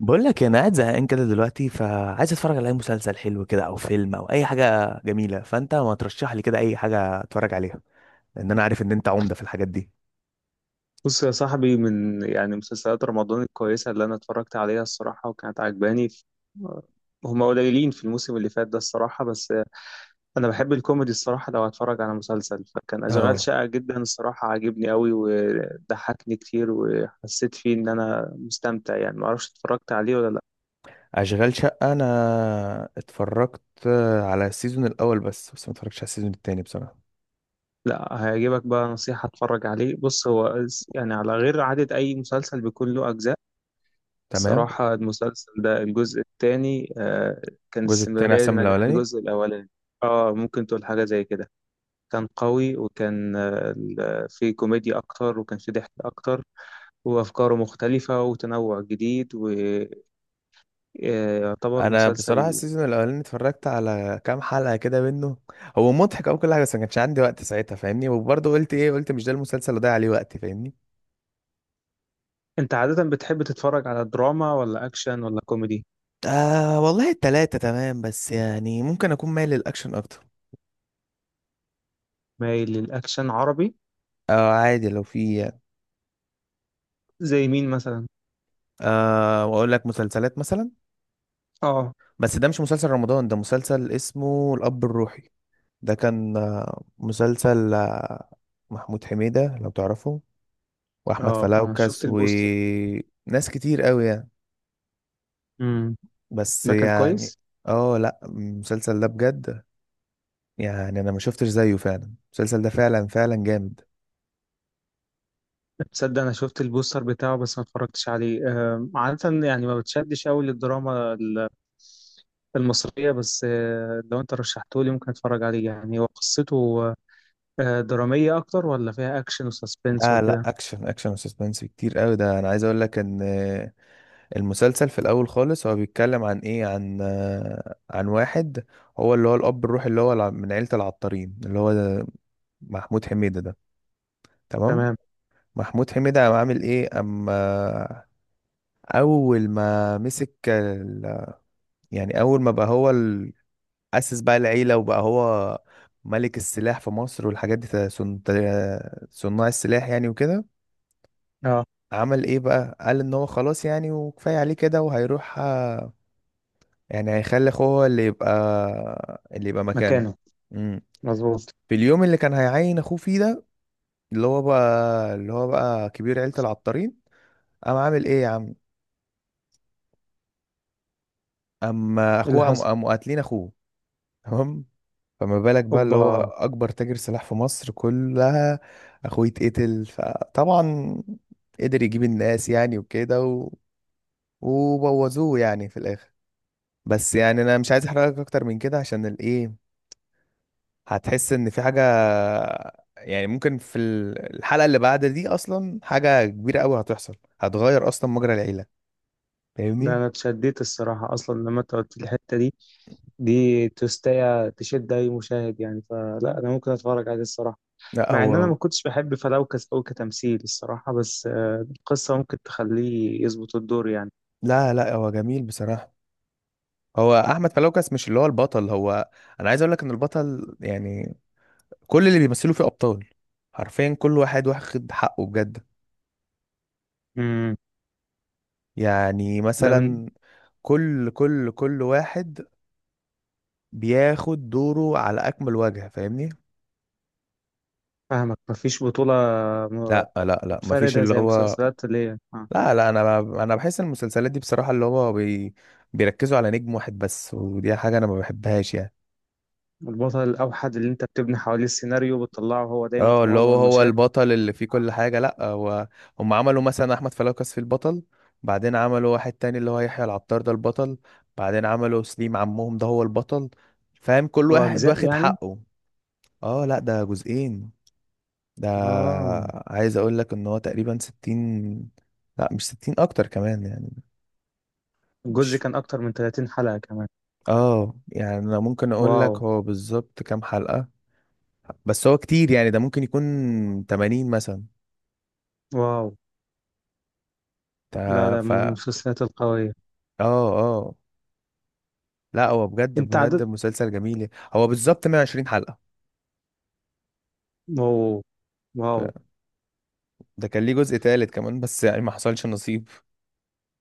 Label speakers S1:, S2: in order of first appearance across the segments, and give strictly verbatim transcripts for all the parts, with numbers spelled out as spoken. S1: بقول لك انا قاعد زهقان كده دلوقتي، فعايز اتفرج على اي مسلسل حلو كده او فيلم او اي حاجه جميله. فانت ما ترشح لي كده اي حاجه اتفرج عليها، لان انا عارف ان انت عمده في الحاجات دي.
S2: بص يا صاحبي، من يعني مسلسلات رمضان الكويسة اللي أنا اتفرجت عليها الصراحة وكانت عجباني ف- هما قليلين في الموسم اللي فات ده الصراحة. بس أنا بحب الكوميدي الصراحة. لو هتفرج على مسلسل فكان أشغال
S1: اه،
S2: شقة جدا الصراحة، عاجبني قوي وضحكني كتير وحسيت فيه إن أنا مستمتع. يعني معرفش اتفرجت عليه ولا لأ.
S1: اشغال شقه انا اتفرجت على السيزون الاول بس. بس ما اتفرجتش على السيزون التاني بصراحه.
S2: لا هيعجبك بقى، نصيحة اتفرج عليه. بص، هو يعني على غير عادة أي مسلسل بيكون له أجزاء.
S1: تمام.
S2: الصراحة المسلسل ده الجزء الثاني كان
S1: الجزء التاني
S2: استمرارية
S1: احسن من
S2: لنجاح
S1: الاولاني.
S2: الجزء الأولاني. اه ممكن تقول حاجة زي كده. كان قوي وكان آه، ال- فيه كوميديا أكتر وكان فيه ضحك أكتر وأفكاره مختلفة وتنوع جديد، ويعتبر
S1: انا بصراحه
S2: مسلسل.
S1: السيزون الاولاني اتفرجت على كام حلقه كده منه. هو مضحك او كل حاجه، بس ما كانش عندي وقت ساعتها فاهمني. وبرضه قلت ايه، قلت مش ده المسلسل اللي ضيع عليه وقتي فاهمني.
S2: أنت عادة بتحب تتفرج على دراما ولا أكشن ولا كوميدي؟
S1: آه والله التلاتة تمام، بس يعني ممكن أكون مايل للأكشن أكتر.
S2: مايل للأكشن عربي.
S1: آه، عادي لو في يعني.
S2: زي مين مثلا؟
S1: آه، وأقول لك مسلسلات مثلا.
S2: اه.
S1: بس ده مش مسلسل رمضان، ده مسلسل اسمه الأب الروحي. ده كان آه مسلسل آه محمود حميدة لو تعرفه، وأحمد
S2: اه أنا
S1: فلوكس
S2: شفت البوستر.
S1: وناس كتير قوي يعني.
S2: امم
S1: بس
S2: ده كان
S1: يعني
S2: كويس؟
S1: اه، لا المسلسل ده بجد يعني، أنا ما شفتش زيه. فعلا المسلسل ده فعلا فعلا جامد.
S2: تصدق انا شفت البوستر بتاعه بس ما اتفرجتش عليه. آه، عادة يعني ما بتشدش قوي للدراما ال- المصرية بس. آه، لو انت رشحته لي ممكن اتفرج عليه. يعني هو قصته آه، درامية اكتر ولا فيها اكشن وسسبنس
S1: لا لا،
S2: وكده؟
S1: اكشن اكشن وسسبنس كتير قوي. ده انا عايز اقول لك ان المسلسل في الاول خالص هو بيتكلم عن ايه، عن عن واحد هو اللي هو الاب الروحي اللي هو الع- من عيلة العطارين اللي هو محمود حميدة ده. تمام.
S2: تمام.
S1: محمود حميدة قام عامل ايه اما اول ما مسك ال- يعني اول ما بقى هو ال- اسس بقى العيلة، وبقى هو ملك السلاح في مصر والحاجات دي. صن- صناع السلاح يعني وكده.
S2: اه.
S1: عمل ايه بقى، قال ان هو خلاص يعني، وكفاية عليه كده، وهيروح آه، يعني هيخلي اخوه هو اللي يبقى اللي يبقى مكانه.
S2: مكانه.
S1: امم.
S2: مظبوط.
S1: في اليوم اللي كان هيعين اخوه فيه ده اللي هو بقى اللي هو بقى كبير عيلة العطارين، قام عامل ايه يا عم. اما
S2: ايه اللي
S1: اخوه قام
S2: حصل؟
S1: قاموا قاتلين اخوه. تمام. فما بالك بقى، اللي هو
S2: اوبا.
S1: اكبر تاجر سلاح في مصر كلها اخوه يتقتل. فطبعا قدر يجيب الناس يعني وكده و... وبوظوه يعني في الاخر. بس يعني انا مش عايز احرقك اكتر من كده، عشان الايه، هتحس ان في حاجه. يعني ممكن في ال- الحلقه اللي بعد دي اصلا حاجه كبيره قوي هتحصل، هتغير اصلا مجرى العيله
S2: ده
S1: فاهمني.
S2: انا اتشديت الصراحة اصلا لما انت قلت لي الحتة دي. دي تستاهل تشد اي مشاهد يعني. فلا، انا ممكن اتفرج عليه الصراحة
S1: لا
S2: مع ان انا
S1: هو،
S2: ما كنتش بحب فلوكس او كتمثيل الصراحة، بس قصة ممكن تخليه يظبط الدور يعني.
S1: لا لا هو جميل بصراحه. هو احمد فلوكس مش اللي هو البطل. هو انا عايز اقول لك ان البطل يعني كل اللي بيمثلوا فيه ابطال. حرفيا كل واحد واخد حقه بجد.
S2: امم
S1: يعني
S2: ده من
S1: مثلا كل كل كل واحد بياخد دوره على اكمل وجه فاهمني.
S2: فاهمك، مفيش بطولة م-
S1: لا لا لا مفيش
S2: متفردة
S1: اللي
S2: زي
S1: هو،
S2: مسلسلات اللي هي آه،
S1: لا لا، انا انا بحس ان المسلسلات دي بصراحة اللي هو بي... بيركزوا على نجم واحد بس، ودي حاجة انا ما بحبهاش يعني.
S2: البطل الأوحد اللي أنت بتبني حواليه السيناريو، بتطلعه هو دايما
S1: اه
S2: في
S1: اللي
S2: معظم
S1: هو هو
S2: المشاهد.
S1: البطل اللي فيه كل حاجة. لا، هو هم عملوا مثلا احمد فلوكس في البطل، بعدين عملوا واحد تاني اللي هو يحيى العطار ده البطل، بعدين عملوا سليم عمهم ده هو البطل. فاهم كل واحد
S2: وأجزاء
S1: واخد
S2: يعني.
S1: حقه. اه لا ده جزئين. ده
S2: اه
S1: عايز اقول لك ان هو تقريبا ستين، لا مش ستين اكتر كمان يعني.
S2: الجزء
S1: مش
S2: كان أكتر من ثلاثين حلقة كمان.
S1: اه يعني انا ممكن اقول
S2: واو.
S1: لك هو بالظبط كام حلقة. بس هو كتير يعني، ده ممكن يكون تمانين مثلا.
S2: واو. لا
S1: تا-
S2: ده
S1: ف
S2: من
S1: اه.
S2: المسلسلات القوية.
S1: اه لا هو بجد
S2: أنت
S1: بجد
S2: عدد.
S1: مسلسل جميل يعني. هو بالظبط مية وعشرين حلقة.
S2: واو. واو.
S1: ف- ده كان ليه جزء تالت كمان بس يعني ما حصلش نصيب.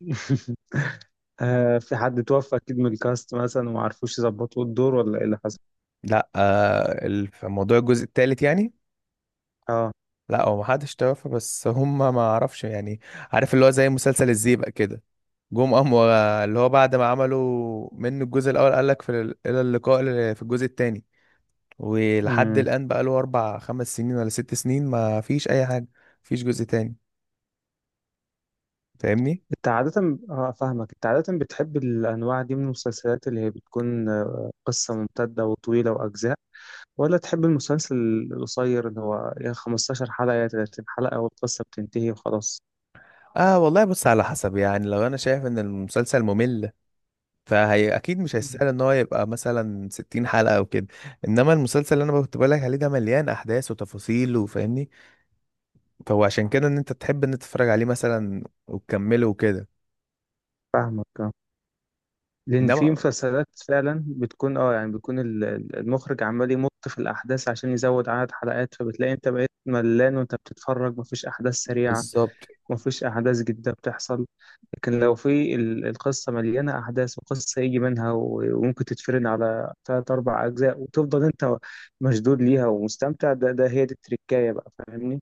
S2: آه، في حد توفى أكيد من الكاست مثلا وما عرفوش يظبطوا الدور، ولا إيه اللي حصل؟
S1: لا آه ال- في موضوع الجزء التالت يعني.
S2: آه.
S1: لا هو ما حدش توفى، بس هم ما اعرفش يعني. عارف اللي هو زي مسلسل الزيبق كده، جم قام و- اللي هو بعد ما عملوا منه الجزء الاول قال لك في ال- الى اللقاء ل- في الجزء التاني. ولحد الآن بقى له أربع خمس سنين ولا ست سنين ما فيش أي حاجة، مفيش جزء تاني فاهمني؟
S2: انت عادة اه فاهمك، انت عادة بتحب الانواع دي من المسلسلات اللي هي بتكون آه، قصة ممتدة وطويلة واجزاء، ولا تحب المسلسل القصير اللي هو يا خمستاشر حلقة يا ثلاثين حلقة والقصة بتنتهي وخلاص؟
S1: اه والله بص على حسب يعني. لو انا شايف ان المسلسل ممل، فهي اكيد مش هيستاهل ان هو يبقى مثلا ستين حلقة او كده. انما المسلسل اللي انا كنت بقول لك عليه ده مليان احداث وتفاصيل وفاهمني. فهو عشان كده ان انت تحب ان أنت تتفرج عليه مثلا وتكمله وكده.
S2: فاهمك. اه، لان في
S1: انما
S2: مسلسلات فعلا بتكون اه يعني بيكون ال- ال- المخرج عمال يمط في الاحداث عشان يزود عدد حلقات، فبتلاقي انت بقيت ملان وانت بتتفرج مفيش احداث سريعة.
S1: بالظبط.
S2: ما فيش أحداث جديدة بتحصل. لكن لو في ال- القصة مليانة أحداث وقصة يجي منها و- وممكن تتفرن على تلات أربع أجزاء وتفضل أنت مشدود ليها ومستمتع. ده, ده هي دي التركاية بقى، فاهمني؟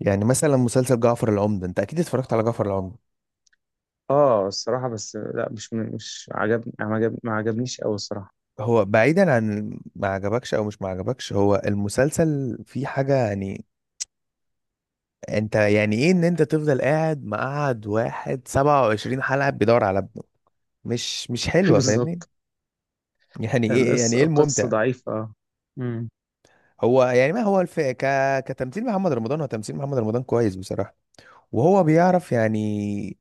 S1: يعني مثلا مسلسل جعفر العمدة، انت اكيد اتفرجت على جعفر العمدة.
S2: آه الصراحة، بس لا، مش من- مش عجبني، ما عجب- ما عجبنيش أوي الصراحة.
S1: هو بعيدا عن ما عجبكش او مش ما عجبكش، هو المسلسل فيه حاجة يعني. انت يعني ايه ان انت تفضل قاعد مقعد واحد سبعة وعشرين حلقة بيدور على ابنه. مش مش حلوة فاهمني.
S2: بالظبط.
S1: يعني ايه، يعني
S2: القصة
S1: ايه
S2: القصة
S1: الممتع.
S2: ضعيفة. امم
S1: هو يعني ما هو الف... ك... كتمثيل محمد رمضان، هو تمثيل محمد رمضان كويس بصراحة. وهو بيعرف يعني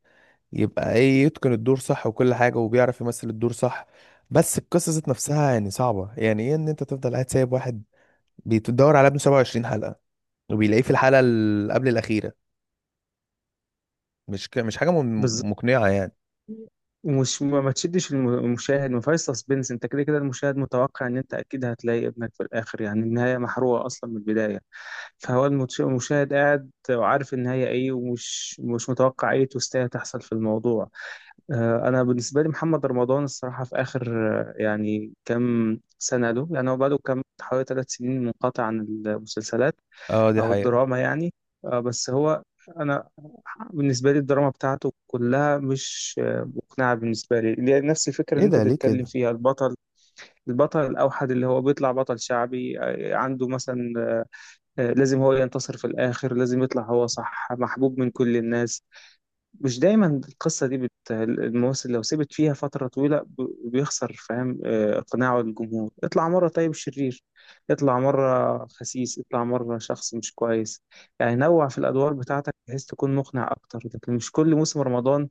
S1: يبقى ايه، يتقن الدور صح وكل حاجة، وبيعرف يمثل الدور صح. بس القصة ذات نفسها يعني صعبة. يعني ايه ان انت تفضل قاعد سايب واحد بتدور على ابنه سبعة وعشرين حلقة، وبيلاقيه في الحلقة اللي قبل الأخيرة. مش ك... مش حاجة م-
S2: بالظبط.
S1: مقنعة يعني.
S2: ومش ما ما تشدش الم- المشاهد، ما فيهاش سسبنس. انت كده كده المشاهد متوقع ان انت اكيد هتلاقي ابنك في الاخر. يعني النهايه محروقه اصلا من البدايه. فهو المتش- المشاهد قاعد وعارف النهاية إيه، ومش مش متوقع أي توستاية تحصل في الموضوع. آه، أنا بالنسبة لي محمد رمضان الصراحة في آخر آه، يعني كام سنة له. يعني هو بقاله كام، حوالي ثلاث سنين منقطع عن المسلسلات
S1: اه دي
S2: أو
S1: حقيقة.
S2: الدراما يعني. آه، بس هو أنا بالنسبة لي الدراما بتاعته كلها مش آه، مقنعة بالنسبة لي، اللي هي نفس الفكرة
S1: ايه
S2: اللي أنت
S1: ده ليه
S2: بتتكلم
S1: كده.
S2: فيها، البطل البطل الأوحد اللي هو بيطلع بطل شعبي. آه، عنده مثلا آه، لازم هو ينتصر في الآخر، لازم يطلع هو صح، محبوب من كل الناس. مش دايما القصة دي بت... الممثل لو سبت فيها فترة طويلة ب... بيخسر، فاهم آه، إقناعه للجمهور. اطلع مرة طيب، شرير، اطلع مرة خسيس، اطلع مرة شخص مش كويس. يعني نوع في الأدوار بتاعتك بحيث تكون مقنع أكتر، لكن مش كل موسم رمضان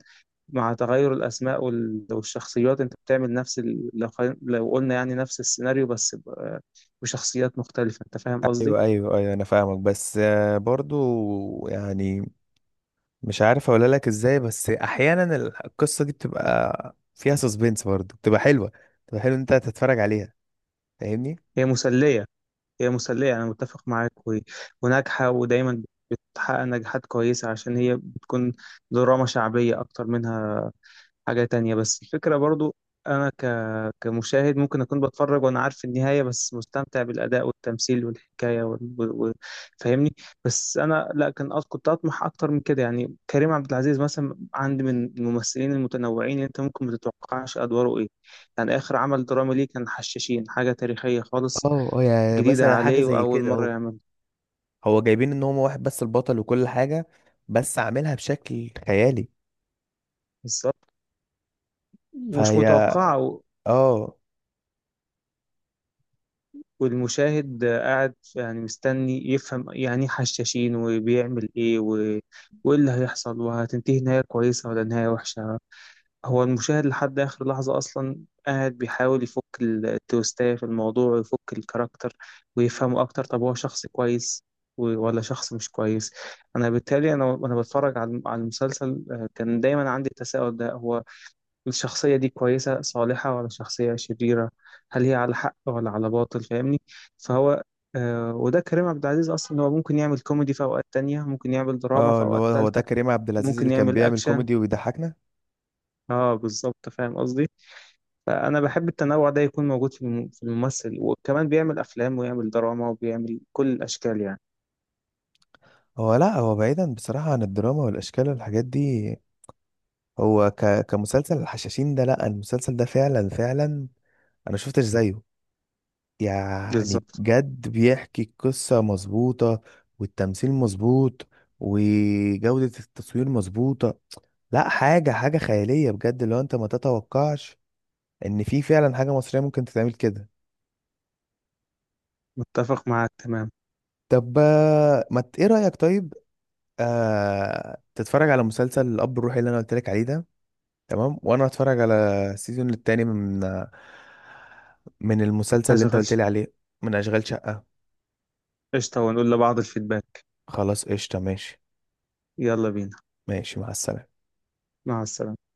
S2: مع تغير الأسماء وال... والشخصيات أنت بتعمل نفس ال... لو... خل- لو قلنا يعني نفس السيناريو بس ب... آه، بشخصيات مختلفة. أنت فاهم قصدي؟
S1: ايوه ايوه ايوه انا فاهمك. بس آه، برضو يعني مش عارف اقول لك ازاي. بس احيانا ال- القصة دي بتبقى فيها سسبنس برضو، بتبقى حلوة، بتبقى حلو إن انت تتفرج عليها فاهمني.
S2: هي مسلية. هي مسلية، أنا متفق معاك و- وناجحة، ودايما بتحقق نجاحات كويسة عشان هي بتكون دراما شعبية أكتر منها، حاجة تانية. بس الفكرة برضو أنا ك... كمشاهد ممكن أكون بتفرج وأنا عارف النهاية، بس مستمتع بالأداء والتمثيل والحكاية وال... و... و... فاهمني. بس أنا لا كان أط- كنت أطمح أكتر من كده. يعني كريم عبد العزيز مثلا عندي من الممثلين المتنوعين، أنت ممكن ما تتوقعش أدواره إيه. يعني آخر عمل درامي ليه كان حشاشين، حاجة تاريخية خالص
S1: اه اه، يعني
S2: جديدة
S1: مثلا حاجة
S2: عليه
S1: زي
S2: وأول
S1: كده
S2: مرة
S1: اهو.
S2: يعمل.
S1: هو جايبين ان هو واحد بس البطل وكل حاجة، بس عاملها بشكل خيالي.
S2: بالظبط، مش
S1: فهي
S2: متوقعة و-
S1: اه.
S2: والمشاهد قاعد يعني مستني يفهم يعني إيه حشاشين وبيعمل إيه و... وإيه اللي هيحصل، وهتنتهي نهاية كويسة ولا نهاية وحشة. هو المشاهد لحد آخر لحظة أصلا قاعد بيحاول يفك التويستاية في الموضوع، ويفك الكاركتر ويفهمه أكتر. طب هو شخص كويس و- ولا شخص مش كويس؟ أنا بالتالي أنا وأنا بتفرج على على المسلسل آه، كان دايما عندي التساؤل ده. هو الشخصية دي كويسة صالحة ولا شخصية شريرة؟ هل هي على حق ولا على باطل، فاهمني؟ فهو آه وده كريم عبد العزيز أصلا، هو ممكن يعمل كوميدي في أوقات تانية، ممكن يعمل دراما في
S1: اه اللي
S2: أوقات
S1: هو هو ده
S2: تالتة.
S1: كريم عبد العزيز
S2: ممكن
S1: اللي كان
S2: يعمل
S1: بيعمل
S2: أكشن.
S1: كوميدي وبيضحكنا.
S2: اه بالظبط، فاهم قصدي. فأنا بحب التنوع ده يكون موجود في الم- في الممثل، وكمان بيعمل أفلام ويعمل دراما وبيعمل كل الأشكال يعني.
S1: هو لا، هو بعيدا بصراحة عن الدراما والأشكال والحاجات دي، هو ك... كمسلسل الحشاشين ده. لا المسلسل ده فعلا فعلا أنا شفتش زيه. يعني
S2: بالظبط،
S1: بجد بيحكي القصة مظبوطة، والتمثيل مظبوط، وجودة التصوير مظبوطة. لا حاجة حاجة خيالية بجد، لو أنت ما تتوقعش إن في فعلا حاجة مصرية ممكن تتعمل كده.
S2: متفق معاك، تمام.
S1: طب آه، ما ت- إيه رأيك طيب آه... تتفرج على مسلسل الأب الروحي اللي أنا قلت لك عليه ده. تمام، وانا هتفرج على السيزون التاني من من المسلسل اللي انت
S2: أشغل.
S1: قلت لي عليه. من اشغال شقة.
S2: قشطة، ونقول لبعض الفيدباك.
S1: خلاص قشطة ماشي.
S2: يلا بينا.
S1: ماشي مع السلامة.
S2: مع السلامة.